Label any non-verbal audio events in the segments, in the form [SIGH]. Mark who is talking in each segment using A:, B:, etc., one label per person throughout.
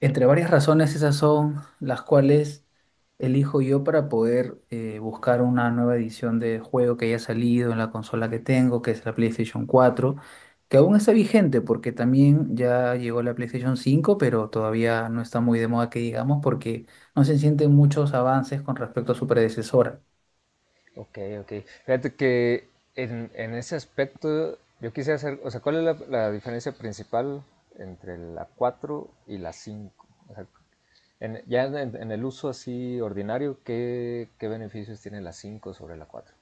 A: Entre varias razones, esas son las cuales elijo yo para poder buscar una nueva edición de juego que haya salido en la consola que tengo, que es la PlayStation 4, que aún está vigente porque también ya llegó la PlayStation 5, pero todavía no está muy de moda que digamos porque no se sienten muchos avances con respecto a su predecesora.
B: Ok, ok. Fíjate que en ese aspecto yo quise hacer, o sea, ¿cuál es la diferencia principal entre la 4 y la 5? O sea, ya en el uso así ordinario, ¿qué beneficios tiene la 5 sobre la 4?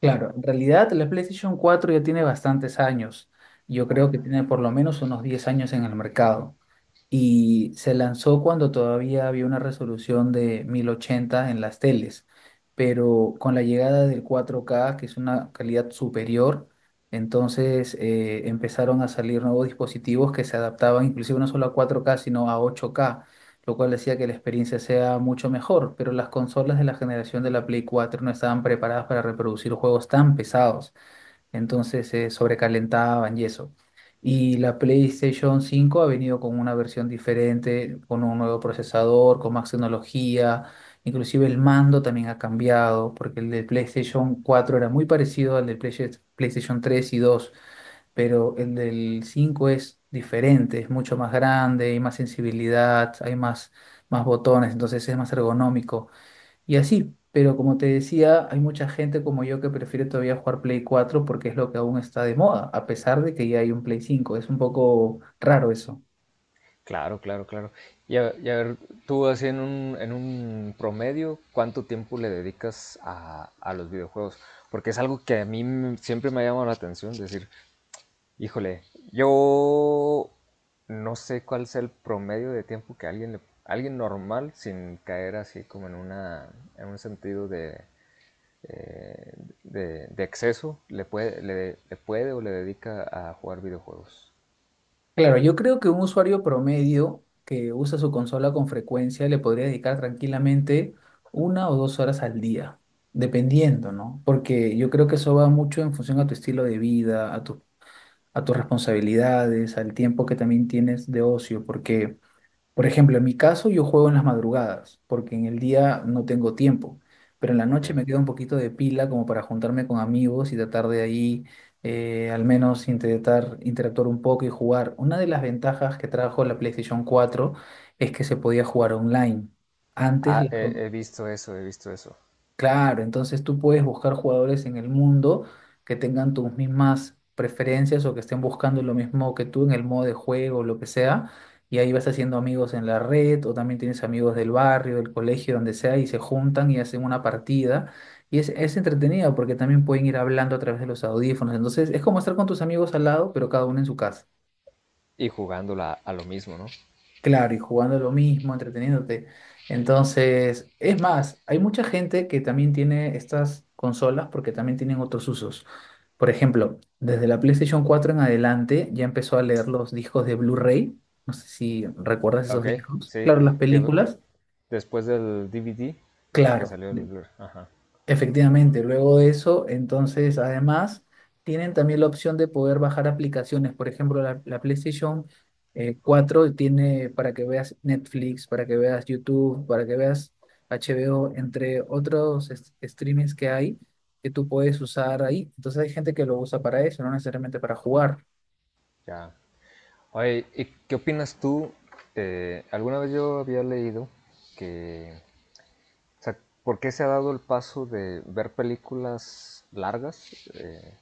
A: Claro, en realidad la PlayStation 4 ya tiene bastantes años. Yo creo que
B: Ajá.
A: tiene por lo menos unos 10 años en el mercado. Y se lanzó cuando todavía había una resolución de 1080 en las teles, pero con la llegada del 4K, que es una calidad superior, entonces empezaron a salir nuevos dispositivos que se adaptaban inclusive no solo a 4K, sino a 8K, lo cual decía que la experiencia sea mucho mejor, pero las consolas de la generación de la Play 4 no estaban preparadas para reproducir juegos tan pesados, entonces se sobrecalentaban y eso. Y la PlayStation 5 ha venido con una versión diferente, con un nuevo procesador, con más tecnología, inclusive el mando también ha cambiado, porque el del PlayStation 4 era muy parecido al del PlayStation 3 y 2, pero el del 5 es diferente, es mucho más grande, hay más sensibilidad, hay más botones, entonces es más ergonómico. Y así, pero como te decía, hay mucha gente como yo que prefiere todavía jugar Play cuatro porque es lo que aún está de moda, a pesar de que ya hay un Play cinco. Es un poco raro eso.
B: Claro, claro, claro. Y a ver, tú así en un promedio, ¿cuánto tiempo le dedicas a los videojuegos? Porque es algo que a mí siempre me ha llamado la atención, decir, Híjole, yo no sé cuál sea el promedio de tiempo que alguien normal, sin caer así como en una, en un sentido eh, de exceso, le puede o le dedica a jugar videojuegos.
A: Claro, yo creo que un usuario promedio que usa su consola con frecuencia le podría dedicar tranquilamente 1 o 2 horas al día, dependiendo, ¿no? Porque yo creo que eso va mucho en función a tu estilo de vida, a tus responsabilidades, al tiempo que también tienes de ocio, porque. Por ejemplo, en mi caso yo juego en las madrugadas, porque en el día no tengo tiempo, pero en la
B: Ok.
A: noche me queda un poquito de pila como para juntarme con amigos y tratar de ahí al menos intentar interactuar un poco y jugar. Una de las ventajas que trajo la PlayStation 4 es que se podía jugar online. Antes
B: Ah,
A: las,
B: he visto eso, he visto eso.
A: Claro, entonces tú puedes buscar jugadores en el mundo que tengan tus mismas preferencias o que estén buscando lo mismo que tú en el modo de juego o lo que sea, y ahí vas haciendo amigos en la red o también tienes amigos del barrio, del colegio, donde sea, y se juntan y hacen una partida. Y es entretenido porque también pueden ir hablando a través de los audífonos, entonces es como estar con tus amigos al lado, pero cada uno en su casa.
B: Y jugándola a lo mismo, ¿no?
A: Claro, y jugando lo mismo, entreteniéndote. Entonces, es más, hay mucha gente que también tiene estas consolas porque también tienen otros usos. Por ejemplo, desde la PlayStation 4 en adelante ya empezó a leer los discos de Blu-ray. No sé si recuerdas esos
B: Ok,
A: discos.
B: sí.
A: Claro, las
B: Que
A: películas.
B: después del DVD que
A: Claro.
B: salió el Blur. Ajá,
A: Efectivamente, luego de eso, entonces además tienen también la opción de poder bajar aplicaciones. Por ejemplo, la PlayStation 4 tiene para que veas Netflix, para que veas YouTube, para que veas HBO, entre otros streamings que hay que tú puedes usar ahí. Entonces hay gente que lo usa para eso, no necesariamente para jugar.
B: ya. Oye, ¿y qué opinas tú? Alguna vez yo había leído que, o sea, ¿por qué se ha dado el paso de ver películas largas?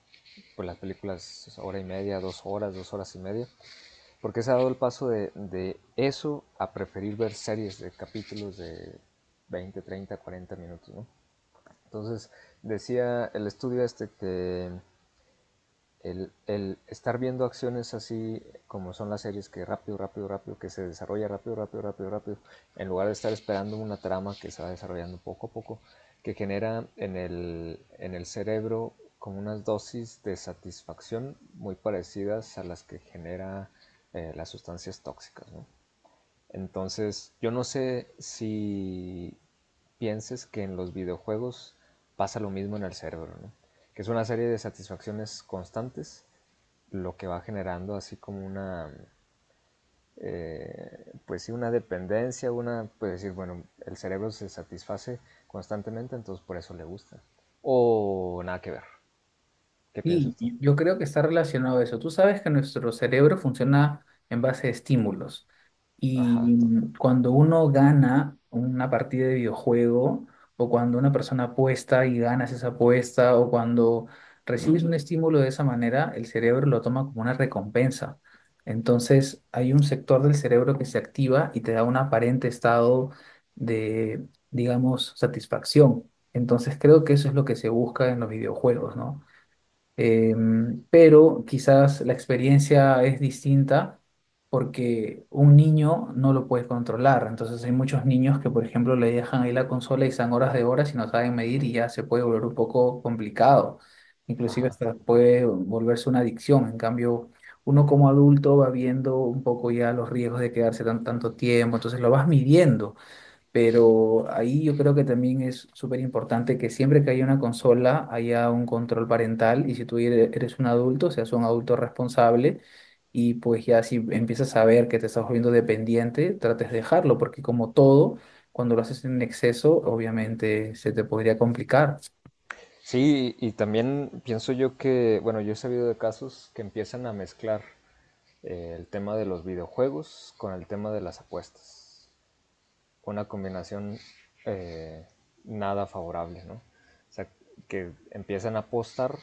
B: Pues las películas hora y media, dos horas y media. ¿Por qué se ha dado el paso de eso a preferir ver series de capítulos de 20 30 40 minutos? ¿No? Entonces, decía el estudio este que el estar viendo acciones así como son las series, que rápido, rápido, rápido, que se desarrolla rápido, rápido, rápido, rápido, en lugar de estar esperando una trama que se va desarrollando poco a poco, que genera en el cerebro como unas dosis de satisfacción muy parecidas a las que genera las sustancias tóxicas, ¿no? Entonces, yo no sé si pienses que en los videojuegos pasa lo mismo en el cerebro, ¿no? Que es una serie de satisfacciones constantes, lo que va generando así como una, pues sí, una dependencia, una, pues decir, bueno, el cerebro se satisface constantemente, entonces por eso le gusta. O nada que ver. ¿Qué
A: Sí,
B: piensas tú?
A: y yo creo que está relacionado a eso. Tú sabes que nuestro cerebro funciona en base a estímulos.
B: Ajá,
A: Y
B: total.
A: cuando uno gana una partida de videojuego, o cuando una persona apuesta y ganas esa apuesta, o cuando recibes un estímulo de esa manera, el cerebro lo toma como una recompensa. Entonces, hay un sector del cerebro que se activa y te da un aparente estado de, digamos, satisfacción. Entonces, creo que eso es lo que se busca en los videojuegos, ¿no? Pero quizás la experiencia es distinta porque un niño no lo puede controlar. Entonces hay muchos niños que, por ejemplo, le dejan ahí la consola y están horas de horas y no saben medir y ya se puede volver un poco complicado. Inclusive
B: Ajá.
A: hasta puede volverse una adicción. En cambio, uno como adulto va viendo un poco ya los riesgos de quedarse tan, tanto tiempo, entonces lo vas midiendo. Pero ahí yo creo que también es súper importante que siempre que haya una consola haya un control parental y si tú eres un adulto, seas un adulto responsable y pues ya si empiezas a ver que te estás volviendo dependiente, trates de dejarlo porque como todo, cuando lo haces en exceso, obviamente se te podría complicar.
B: Sí, y también pienso yo que, bueno, yo he sabido de casos que empiezan a mezclar el tema de los videojuegos con el tema de las apuestas. Una combinación eh, nada favorable, ¿no? O sea, que empiezan a apostar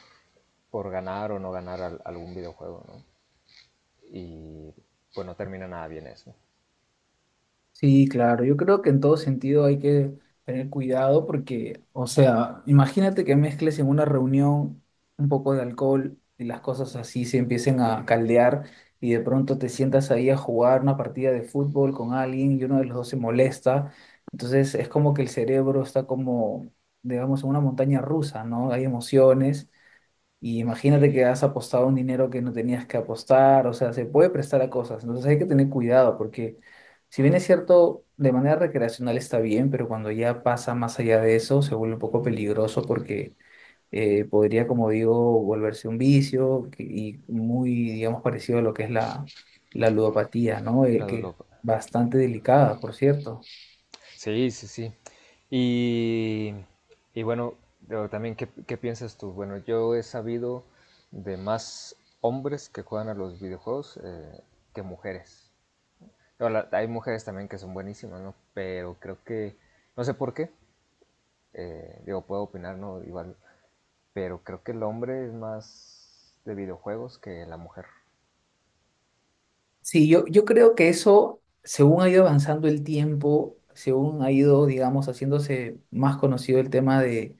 B: por ganar o no ganar algún videojuego, ¿no? Y pues no termina nada bien eso.
A: Sí, claro, yo creo que en todo sentido hay que tener cuidado porque, o sea, imagínate que mezcles en una reunión un poco de alcohol y las cosas así se empiecen a caldear y de pronto te sientas ahí a jugar una partida de fútbol con alguien y uno de los dos se molesta. Entonces es como que el cerebro está como, digamos, en una montaña rusa, ¿no? Hay emociones y imagínate que has apostado un dinero que no tenías que apostar, o sea, se puede prestar a cosas. Entonces hay que tener cuidado porque si bien es cierto, de manera recreacional está bien, pero cuando ya pasa más allá de eso, se vuelve un poco peligroso porque podría, como digo, volverse un vicio y muy, digamos, parecido a lo que es la ludopatía, ¿no? Eh,
B: La
A: que es
B: Dulopa.
A: bastante delicada, por cierto.
B: Sí, sí, sí. Y, y bueno, también, ¿qué piensas tú? Bueno, yo he sabido de más hombres que juegan a los videojuegos que mujeres. Pero hay mujeres también que son buenísimas, ¿no? Pero creo que, no sé por qué, digo, puedo opinar, ¿no? Igual, pero creo que el hombre es más de videojuegos que la mujer.
A: Sí, yo creo que eso, según ha ido avanzando el tiempo, según ha ido, digamos, haciéndose más conocido el tema de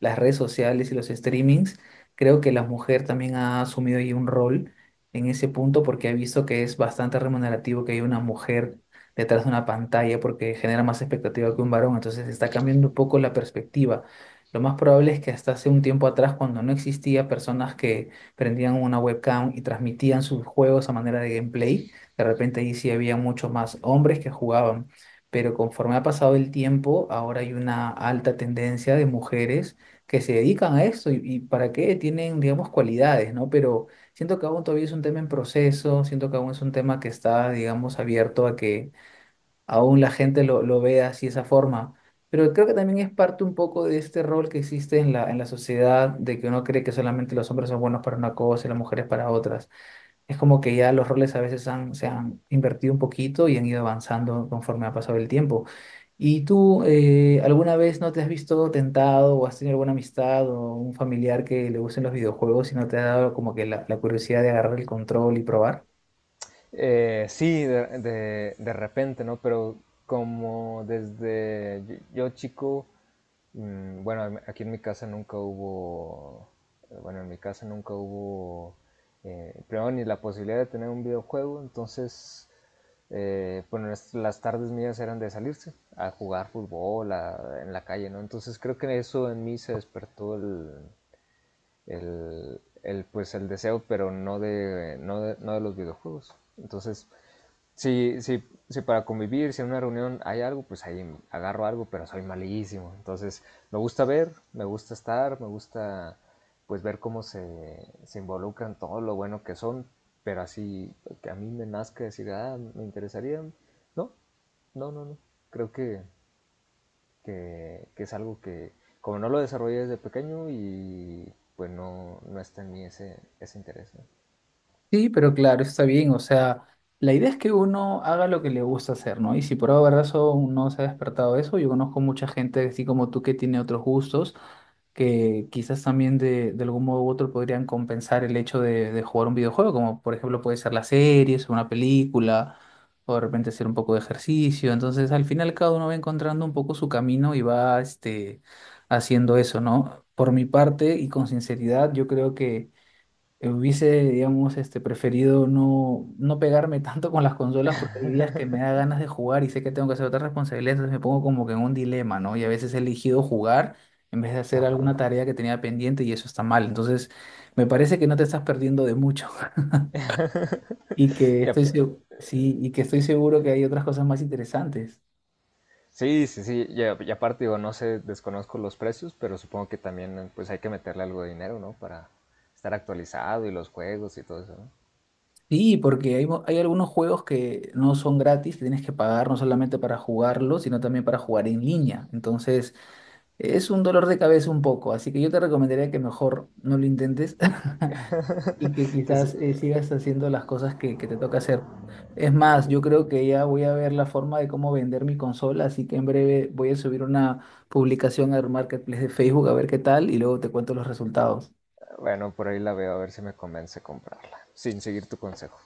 A: las redes sociales y los streamings, creo que la mujer también ha asumido ahí un rol en ese punto porque ha visto que es bastante remunerativo que haya una mujer detrás de una pantalla porque genera más expectativa que un varón, entonces está cambiando un poco la perspectiva. Lo más probable es que hasta hace un tiempo atrás, cuando no existía personas que prendían una webcam y transmitían sus juegos a manera de gameplay, de repente ahí sí había mucho más hombres que jugaban, pero conforme ha pasado el tiempo, ahora hay una alta tendencia de mujeres que se dedican a esto y para qué tienen, digamos, cualidades, ¿no? Pero siento que aún todavía es un tema en proceso, siento que aún es un tema que está, digamos, abierto a que aún la gente lo vea así de esa forma. Pero creo que también es parte un poco de este rol que existe en la sociedad, de que uno cree que solamente los hombres son buenos para una cosa y las mujeres para otras. Es como que ya los roles a veces han, se han invertido un poquito y han ido avanzando conforme ha pasado el tiempo. ¿Y tú alguna vez no te has visto tentado o has tenido alguna amistad o un familiar que le gusten los videojuegos y no te ha dado como que la curiosidad de agarrar el control y probar?
B: Sí, de repente, ¿no? Pero como desde yo chico, mm, bueno, aquí en mi casa nunca hubo, bueno, en mi casa nunca hubo, primero ni la posibilidad de tener un videojuego, entonces, bueno, las tardes mías eran de salirse a jugar fútbol en la calle, ¿no? Entonces creo que eso en mí se despertó pues el deseo, pero no de los videojuegos. Entonces, si, si, si para convivir, si en una reunión hay algo, pues ahí agarro algo, pero soy malísimo. Entonces, me gusta ver, me gusta estar, me gusta pues ver cómo se, se involucran todo lo bueno que son, pero así que a mí me nazca decir, ah, me interesaría. No, no, no, no. Creo que es algo que, como no lo desarrollé desde pequeño y pues no, no está en mí ese, ese interés, ¿no?
A: Sí, pero claro, está bien. O sea, la idea es que uno haga lo que le gusta hacer, ¿no? Y si por alguna razón no se ha despertado eso, yo conozco mucha gente así como tú que tiene otros gustos, que quizás también de algún modo u otro podrían compensar el hecho de jugar un videojuego, como por ejemplo puede ser las series, una película, o de repente hacer un poco de ejercicio. Entonces, al final cada uno va encontrando un poco su camino y va este, haciendo eso, ¿no? Por mi parte y con sinceridad, yo creo que hubiese, digamos, este, preferido no pegarme tanto con las consolas porque hay días que me da ganas de jugar y sé que tengo que hacer otras responsabilidades, entonces me pongo como que en un dilema, ¿no? Y a veces he elegido jugar en vez de hacer alguna
B: Ajá.
A: tarea que tenía pendiente y eso está mal. Entonces, me parece que no te estás perdiendo de mucho [LAUGHS] y que
B: Y, a-
A: estoy, sí, y que estoy seguro que hay otras cosas más interesantes.
B: Sí, sí, sí. Y, a- y aparte, digo, no sé, desconozco los precios, pero supongo que también pues hay que meterle algo de dinero, ¿no? Para estar actualizado y los juegos y todo eso, ¿no?
A: Sí, porque hay algunos juegos que no son gratis, que tienes que pagar no solamente para jugarlos, sino también para jugar en línea. Entonces. Es un dolor de cabeza un poco, así que yo te recomendaría que mejor no lo intentes [LAUGHS] y que
B: Que sí,
A: quizás sigas haciendo las cosas que te toca hacer. Es más, yo creo que ya voy a ver la forma de cómo vender mi consola, así que en breve voy a subir una publicación al Marketplace de Facebook a ver qué tal y luego te cuento los resultados.
B: bueno, por ahí la veo a ver si me convence comprarla, sin seguir tu consejo.